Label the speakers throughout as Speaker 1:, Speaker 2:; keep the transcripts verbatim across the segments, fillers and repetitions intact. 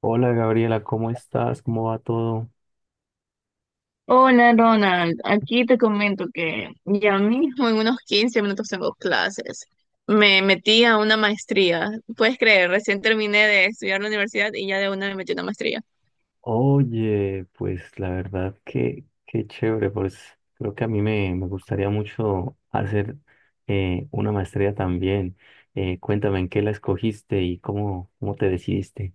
Speaker 1: Hola Gabriela, ¿cómo estás? ¿Cómo va todo?
Speaker 2: Hola Ronald, aquí te comento que ya mismo en unos quince minutos tengo clases. Me metí a una maestría. Puedes creer, recién terminé de estudiar la universidad y ya de una me metí a una maestría.
Speaker 1: Oye, pues la verdad que qué chévere, pues creo que a mí me, me gustaría mucho hacer eh, una maestría también. Eh, cuéntame en qué la escogiste y cómo, cómo te decidiste.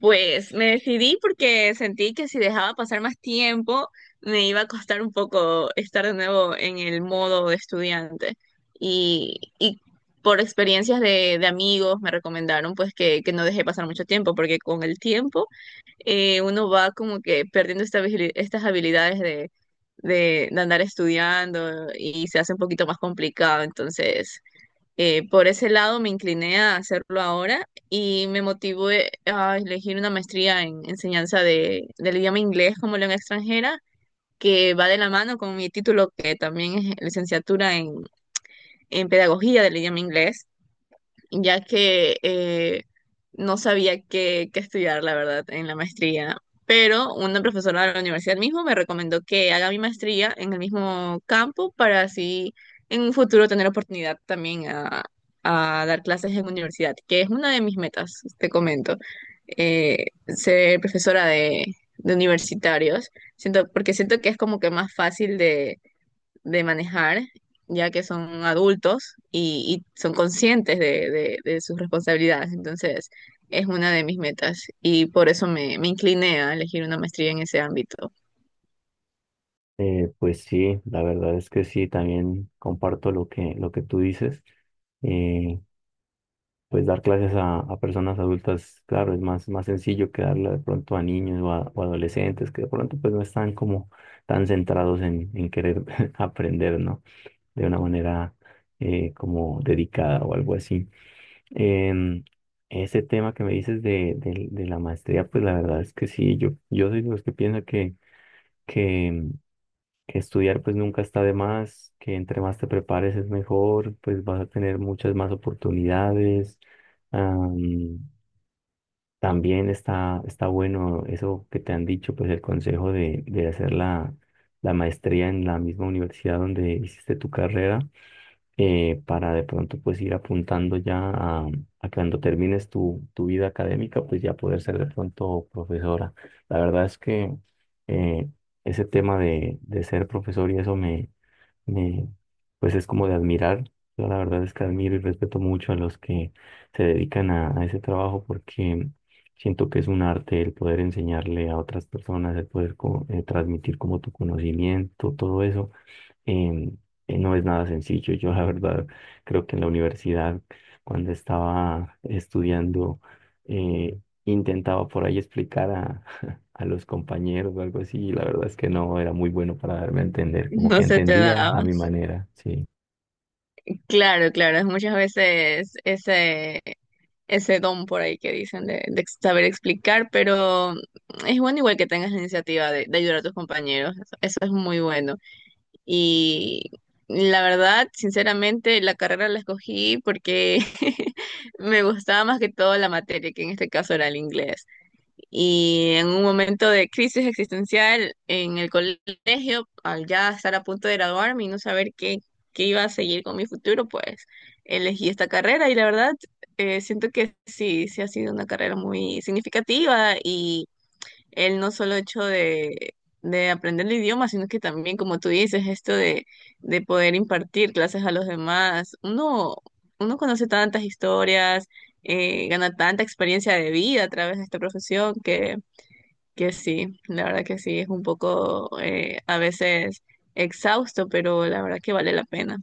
Speaker 2: Pues me decidí porque sentí que si dejaba pasar más tiempo me iba a costar un poco estar de nuevo en el modo de estudiante. Y, y por experiencias de, de amigos me recomendaron pues que, que no dejé pasar mucho tiempo porque con el tiempo eh, uno va como que perdiendo esta vigili- estas habilidades de, de, de andar estudiando y se hace un poquito más complicado. Entonces... Eh, por ese lado me incliné a hacerlo ahora y me motivé a elegir una maestría en enseñanza de, del idioma inglés como lengua extranjera, que va de la mano con mi título, que también es licenciatura en, en pedagogía del idioma inglés ya que eh, no sabía qué, qué estudiar, la verdad, en la maestría. Pero una profesora de la universidad mismo me recomendó que haga mi maestría en el mismo campo para así en un futuro tener oportunidad también a, a dar clases en universidad, que es una de mis metas, te comento. Eh, ser profesora de, de universitarios, siento, porque siento que es como que más fácil de de manejar, ya que son adultos y, y son conscientes de, de- de sus responsabilidades. Entonces, es una de mis metas y por eso me, me incliné a elegir una maestría en ese ámbito.
Speaker 1: Eh, pues sí, la verdad es que sí, también comparto lo que, lo que tú dices. Pues dar clases a, a personas adultas, claro, es más, más sencillo que darle de pronto a niños o, a- o adolescentes que de pronto pues no están como tan centrados en, en querer aprender, ¿no? De una manera eh, como dedicada o algo así. Em, ese tema que me dices de, de, de la maestría, pues la verdad es que sí, yo, yo soy de los que piensa que, que, em, que estudiar pues nunca está de más, que entre más te prepares es mejor, pues vas a tener muchas más oportunidades. También está, está bueno eso que te han dicho, pues el consejo de, de hacer la, la maestría en la misma universidad donde hiciste tu carrera, eh, para de pronto pues ir apuntando ya a, a cuando termines tu, tu vida académica, pues ya poder ser de pronto profesora. La verdad es que eh, ese tema de, de ser profesor y eso eh, pues es como de admirar. Yo la verdad es que admiro y respeto mucho a los que se dedican a, a ese trabajo porque siento que es un arte el poder enseñarle a otras personas, el poder co- eh, transmitir como tu conocimiento, todo eso em, eh, no es nada sencillo. Yo la verdad creo que en la universidad, cuando estaba estudiando, eh, intentaba por ahí explicar a, a los compañeros o algo así, y la verdad es que no era muy bueno para darme a entender, como
Speaker 2: No
Speaker 1: que
Speaker 2: se te
Speaker 1: entendía
Speaker 2: daba.
Speaker 1: a mi manera, sí.
Speaker 2: Claro, claro, es muchas veces ese, ese don por ahí que dicen de, de saber explicar, pero es bueno igual que tengas la iniciativa de, de ayudar a tus compañeros. Eso es muy bueno. Y la verdad, sinceramente, la carrera la escogí porque me gustaba más que todo la materia, que en este caso era el inglés. Y en un momento de crisis existencial en el colegio, al ya estar a punto de graduarme y no saber qué, qué iba a seguir con mi futuro, pues elegí esta carrera y la verdad, eh, siento que sí, sí ha sido una carrera muy significativa y el no solo hecho de, de aprender el idioma, sino que también, como tú dices, esto de, de poder impartir clases a los demás. Uno, uno conoce tantas historias, eh, gana tanta experiencia de vida a través de esta profesión que, que sí, la verdad que sí, es un poco eh, a veces exhausto, pero la verdad que vale la pena.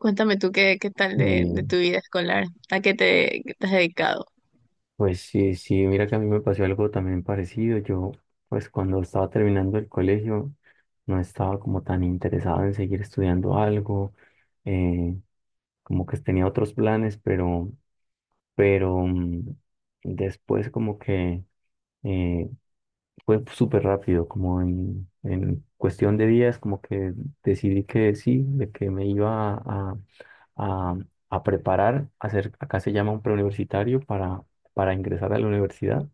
Speaker 2: Cuéntame tú qué, qué tal de, de
Speaker 1: Y
Speaker 2: tu vida escolar, a qué te, qué te has dedicado.
Speaker 1: pues sí, sí, mira que a mí me pasó algo también parecido. Yo, pues cuando estaba terminando el colegio, no estaba como tan interesado en seguir estudiando algo, eh, como que tenía otros planes, pero pero mm, después como que eh, fue súper rápido, como en, en cuestión de días, como que decidí que sí, de que me iba a, a, a preparar, a hacer, acá se llama un preuniversitario para, para ingresar a la universidad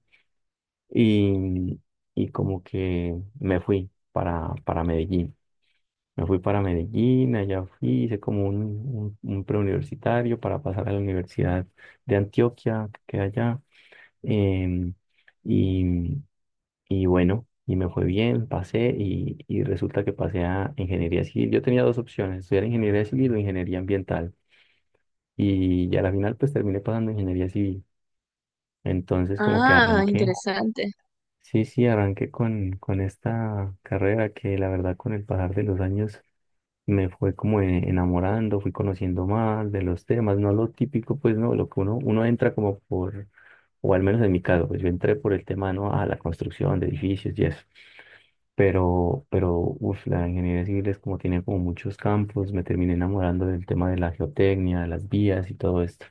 Speaker 1: y, y como que me fui para, para Medellín. Me fui para Medellín, allá fui, hice como un, un, un preuniversitario para pasar a la Universidad de Antioquia, que queda allá, em, y, y bueno, y me fue bien, pasé y, y resulta que pasé a ingeniería civil. Yo tenía dos opciones, estudiar ingeniería civil o ingeniería ambiental. Y ya a la final pues terminé pasando ingeniería civil. Entonces como que
Speaker 2: Ah,
Speaker 1: arranqué,
Speaker 2: interesante.
Speaker 1: sí, sí, arranqué con, con esta carrera que la verdad con el pasar de los años me fue como e- enamorando, fui conociendo más de los temas, no lo típico, pues no, lo que uno, uno entra como por, o al menos en mi caso, pues yo entré por el tema, ¿no? A la construcción de edificios y eso. Pero, pero, uf, la ingeniería civil es como tiene como muchos campos, me terminé enamorando del tema de la geotecnia, de las vías y todo esto.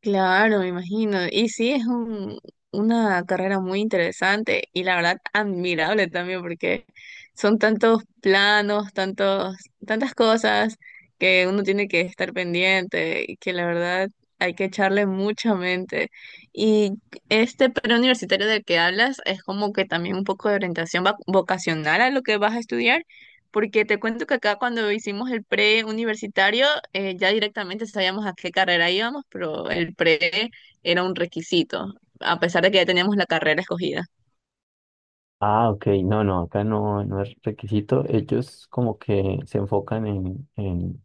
Speaker 2: Claro, me imagino. Y sí, es un, una carrera muy interesante y la verdad admirable también porque son tantos planos, tantos, tantas cosas que uno tiene que estar pendiente y que la verdad hay que echarle mucha mente. Y este preuniversitario del que hablas es como que también un poco de orientación va- vocacional a lo que vas a estudiar. Porque te cuento que acá cuando hicimos el pre universitario, eh, ya directamente sabíamos a qué carrera íbamos, pero el pre era un requisito, a pesar de que ya teníamos la carrera escogida.
Speaker 1: Ah, ok, no, no, acá no, no es requisito. Ellos como que se enfocan en, en,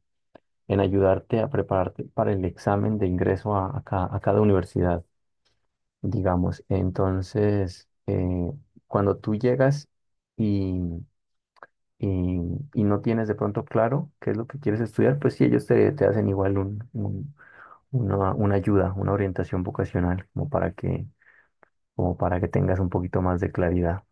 Speaker 1: en ayudarte a prepararte para el examen de ingreso a, a ca- a cada universidad, digamos. Entonces, eh, cuando tú llegas y, y- y no tienes de pronto claro qué es lo que quieres estudiar, pues sí, ellos te, te hacen igual un- un- una, una ayuda, una orientación vocacional, como para que como para que tengas un poquito más de claridad.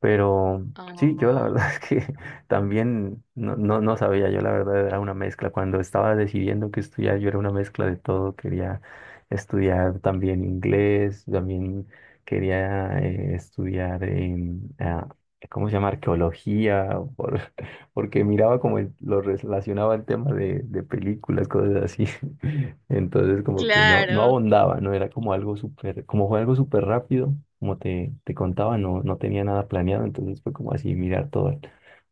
Speaker 1: Pero sí, yo la
Speaker 2: Oh,
Speaker 1: verdad es que también no, no, no sabía, yo la verdad era una mezcla. Cuando estaba decidiendo qué estudiar, yo era una mezcla de todo. Quería estudiar también inglés, también quería eh, estudiar, em, ah, ¿cómo se llama? Arqueología, por- porque miraba como el- lo relacionaba el tema de, de películas, cosas así. Entonces como que no, no
Speaker 2: claro.
Speaker 1: abondaba, no era como algo súper, como fue algo súper rápido, como te, te contaba, no, no tenía nada planeado, entonces fue como así mirar todo al-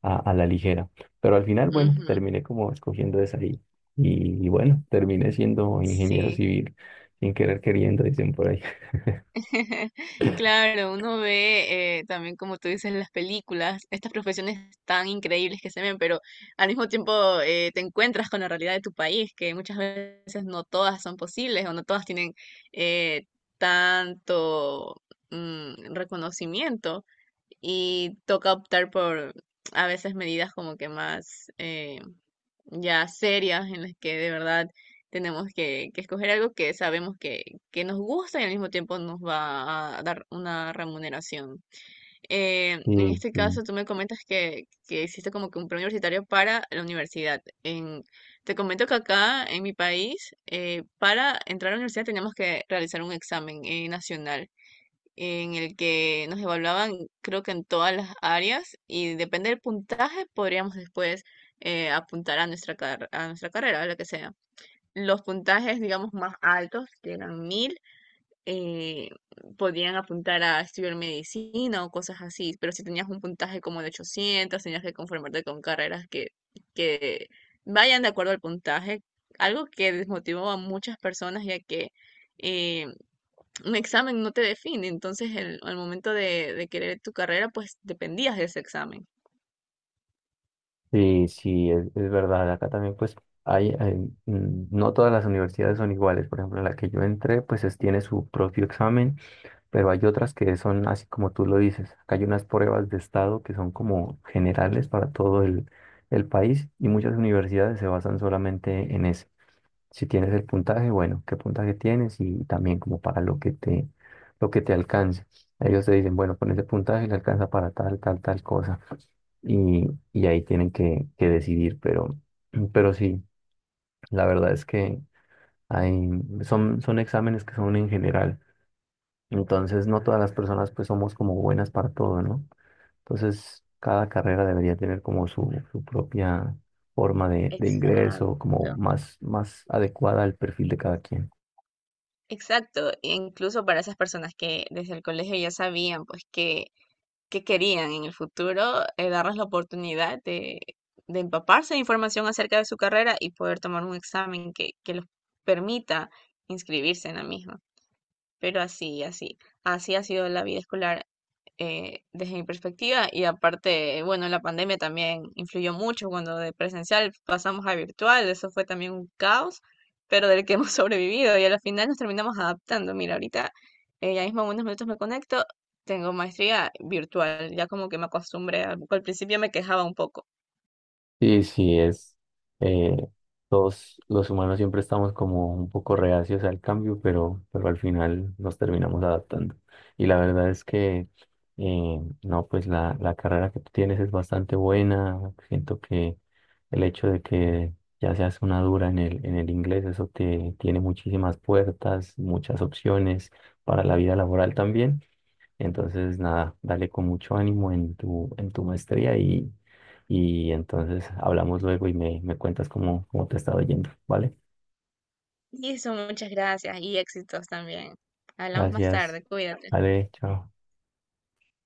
Speaker 1: a, a la ligera. Pero al final, bueno,
Speaker 2: Ujú.
Speaker 1: terminé como escogiendo esa y, y, y bueno, terminé siendo ingeniero
Speaker 2: Sí.
Speaker 1: civil, sin querer queriendo, dicen por ahí.
Speaker 2: Claro, uno ve eh, también, como tú dices, las películas, estas profesiones tan increíbles que se ven, pero al mismo tiempo eh, te encuentras con la realidad de tu país, que muchas veces no todas son posibles o no todas tienen eh, tanto mm, reconocimiento y toca optar por a veces medidas como que más, eh, ya serias en las que de verdad tenemos que, que escoger algo que sabemos que, que nos gusta y al mismo tiempo nos va a dar una remuneración. Eh, en
Speaker 1: Sí,
Speaker 2: este
Speaker 1: sí,
Speaker 2: caso, tú me comentas que, que hiciste como que un preuniversitario para la universidad. En- te comento que acá en mi país, eh, para entrar a la universidad tenemos que realizar un examen eh, nacional en el que nos evaluaban, creo que en todas las áreas, y depende del puntaje, podríamos después eh, apuntar a nuestra, car- a nuestra carrera, a la que sea. Los puntajes, digamos, más altos, que eran mil, eh, podían apuntar a estudiar medicina o cosas así, pero si tenías un puntaje como de ochocientos tenías que conformarte con carreras que, que vayan de acuerdo al puntaje, algo que desmotivó a muchas personas, ya que... eh, un examen no te define, entonces el- al momento de, de querer tu carrera, pues dependías de ese examen.
Speaker 1: sí, sí, es, es verdad. Acá también pues hay, hay, mm, no todas las universidades son iguales. Por ejemplo, la que yo entré pues es- tiene su propio examen, pero hay otras que son así como tú lo dices. Acá hay unas pruebas de estado que son como generales para todo el, el país y muchas universidades se basan solamente en eso. Si tienes el puntaje, bueno, qué puntaje tienes y también como para lo que te, lo que te alcance. Ellos te dicen, bueno, con ese puntaje le alcanza para tal, tal, tal cosa. Y, y ahí tienen que, que decidir, pero, pero sí, la verdad es que hay, son, son exámenes que son en general. Entonces, no todas las personas pues somos como buenas para todo, ¿no? Entonces, cada carrera debería tener como su, su propia forma de, de
Speaker 2: Exacto.
Speaker 1: ingreso, como más, más adecuada al perfil de cada quien.
Speaker 2: Exacto. E incluso para esas personas que desde el colegio ya sabían pues que, que querían en el futuro, eh, darles la oportunidad de, de empaparse de información acerca de su carrera y poder tomar un examen que, que los permita inscribirse en la misma. Pero así, así, así ha sido la vida escolar eh, desde mi perspectiva y aparte, bueno, la pandemia también influyó mucho cuando de presencial pasamos a virtual, eso fue también un caos, pero del que hemos sobrevivido y al final nos terminamos adaptando. Mira, ahorita eh, ya mismo en unos minutos me conecto, tengo maestría virtual, ya como que me acostumbré, al al principio me quejaba un poco.
Speaker 1: Sí, sí, es. eh, Todos los humanos siempre estamos como un poco reacios al cambio, pero, pero al final nos terminamos adaptando. Y la verdad es que, eh, no, pues la, la carrera que tú tienes es bastante buena. Siento que el hecho de que ya seas una dura en el, en el inglés, eso te tiene muchísimas puertas, muchas opciones para la vida laboral también. Entonces, nada, dale con mucho ánimo en tu, en tu maestría y, y entonces hablamos luego y me, me cuentas cómo, cómo te está yendo, ¿vale?
Speaker 2: Y eso, muchas gracias y éxitos también. Hablamos más
Speaker 1: Gracias.
Speaker 2: tarde, cuídate.
Speaker 1: Vale, chao.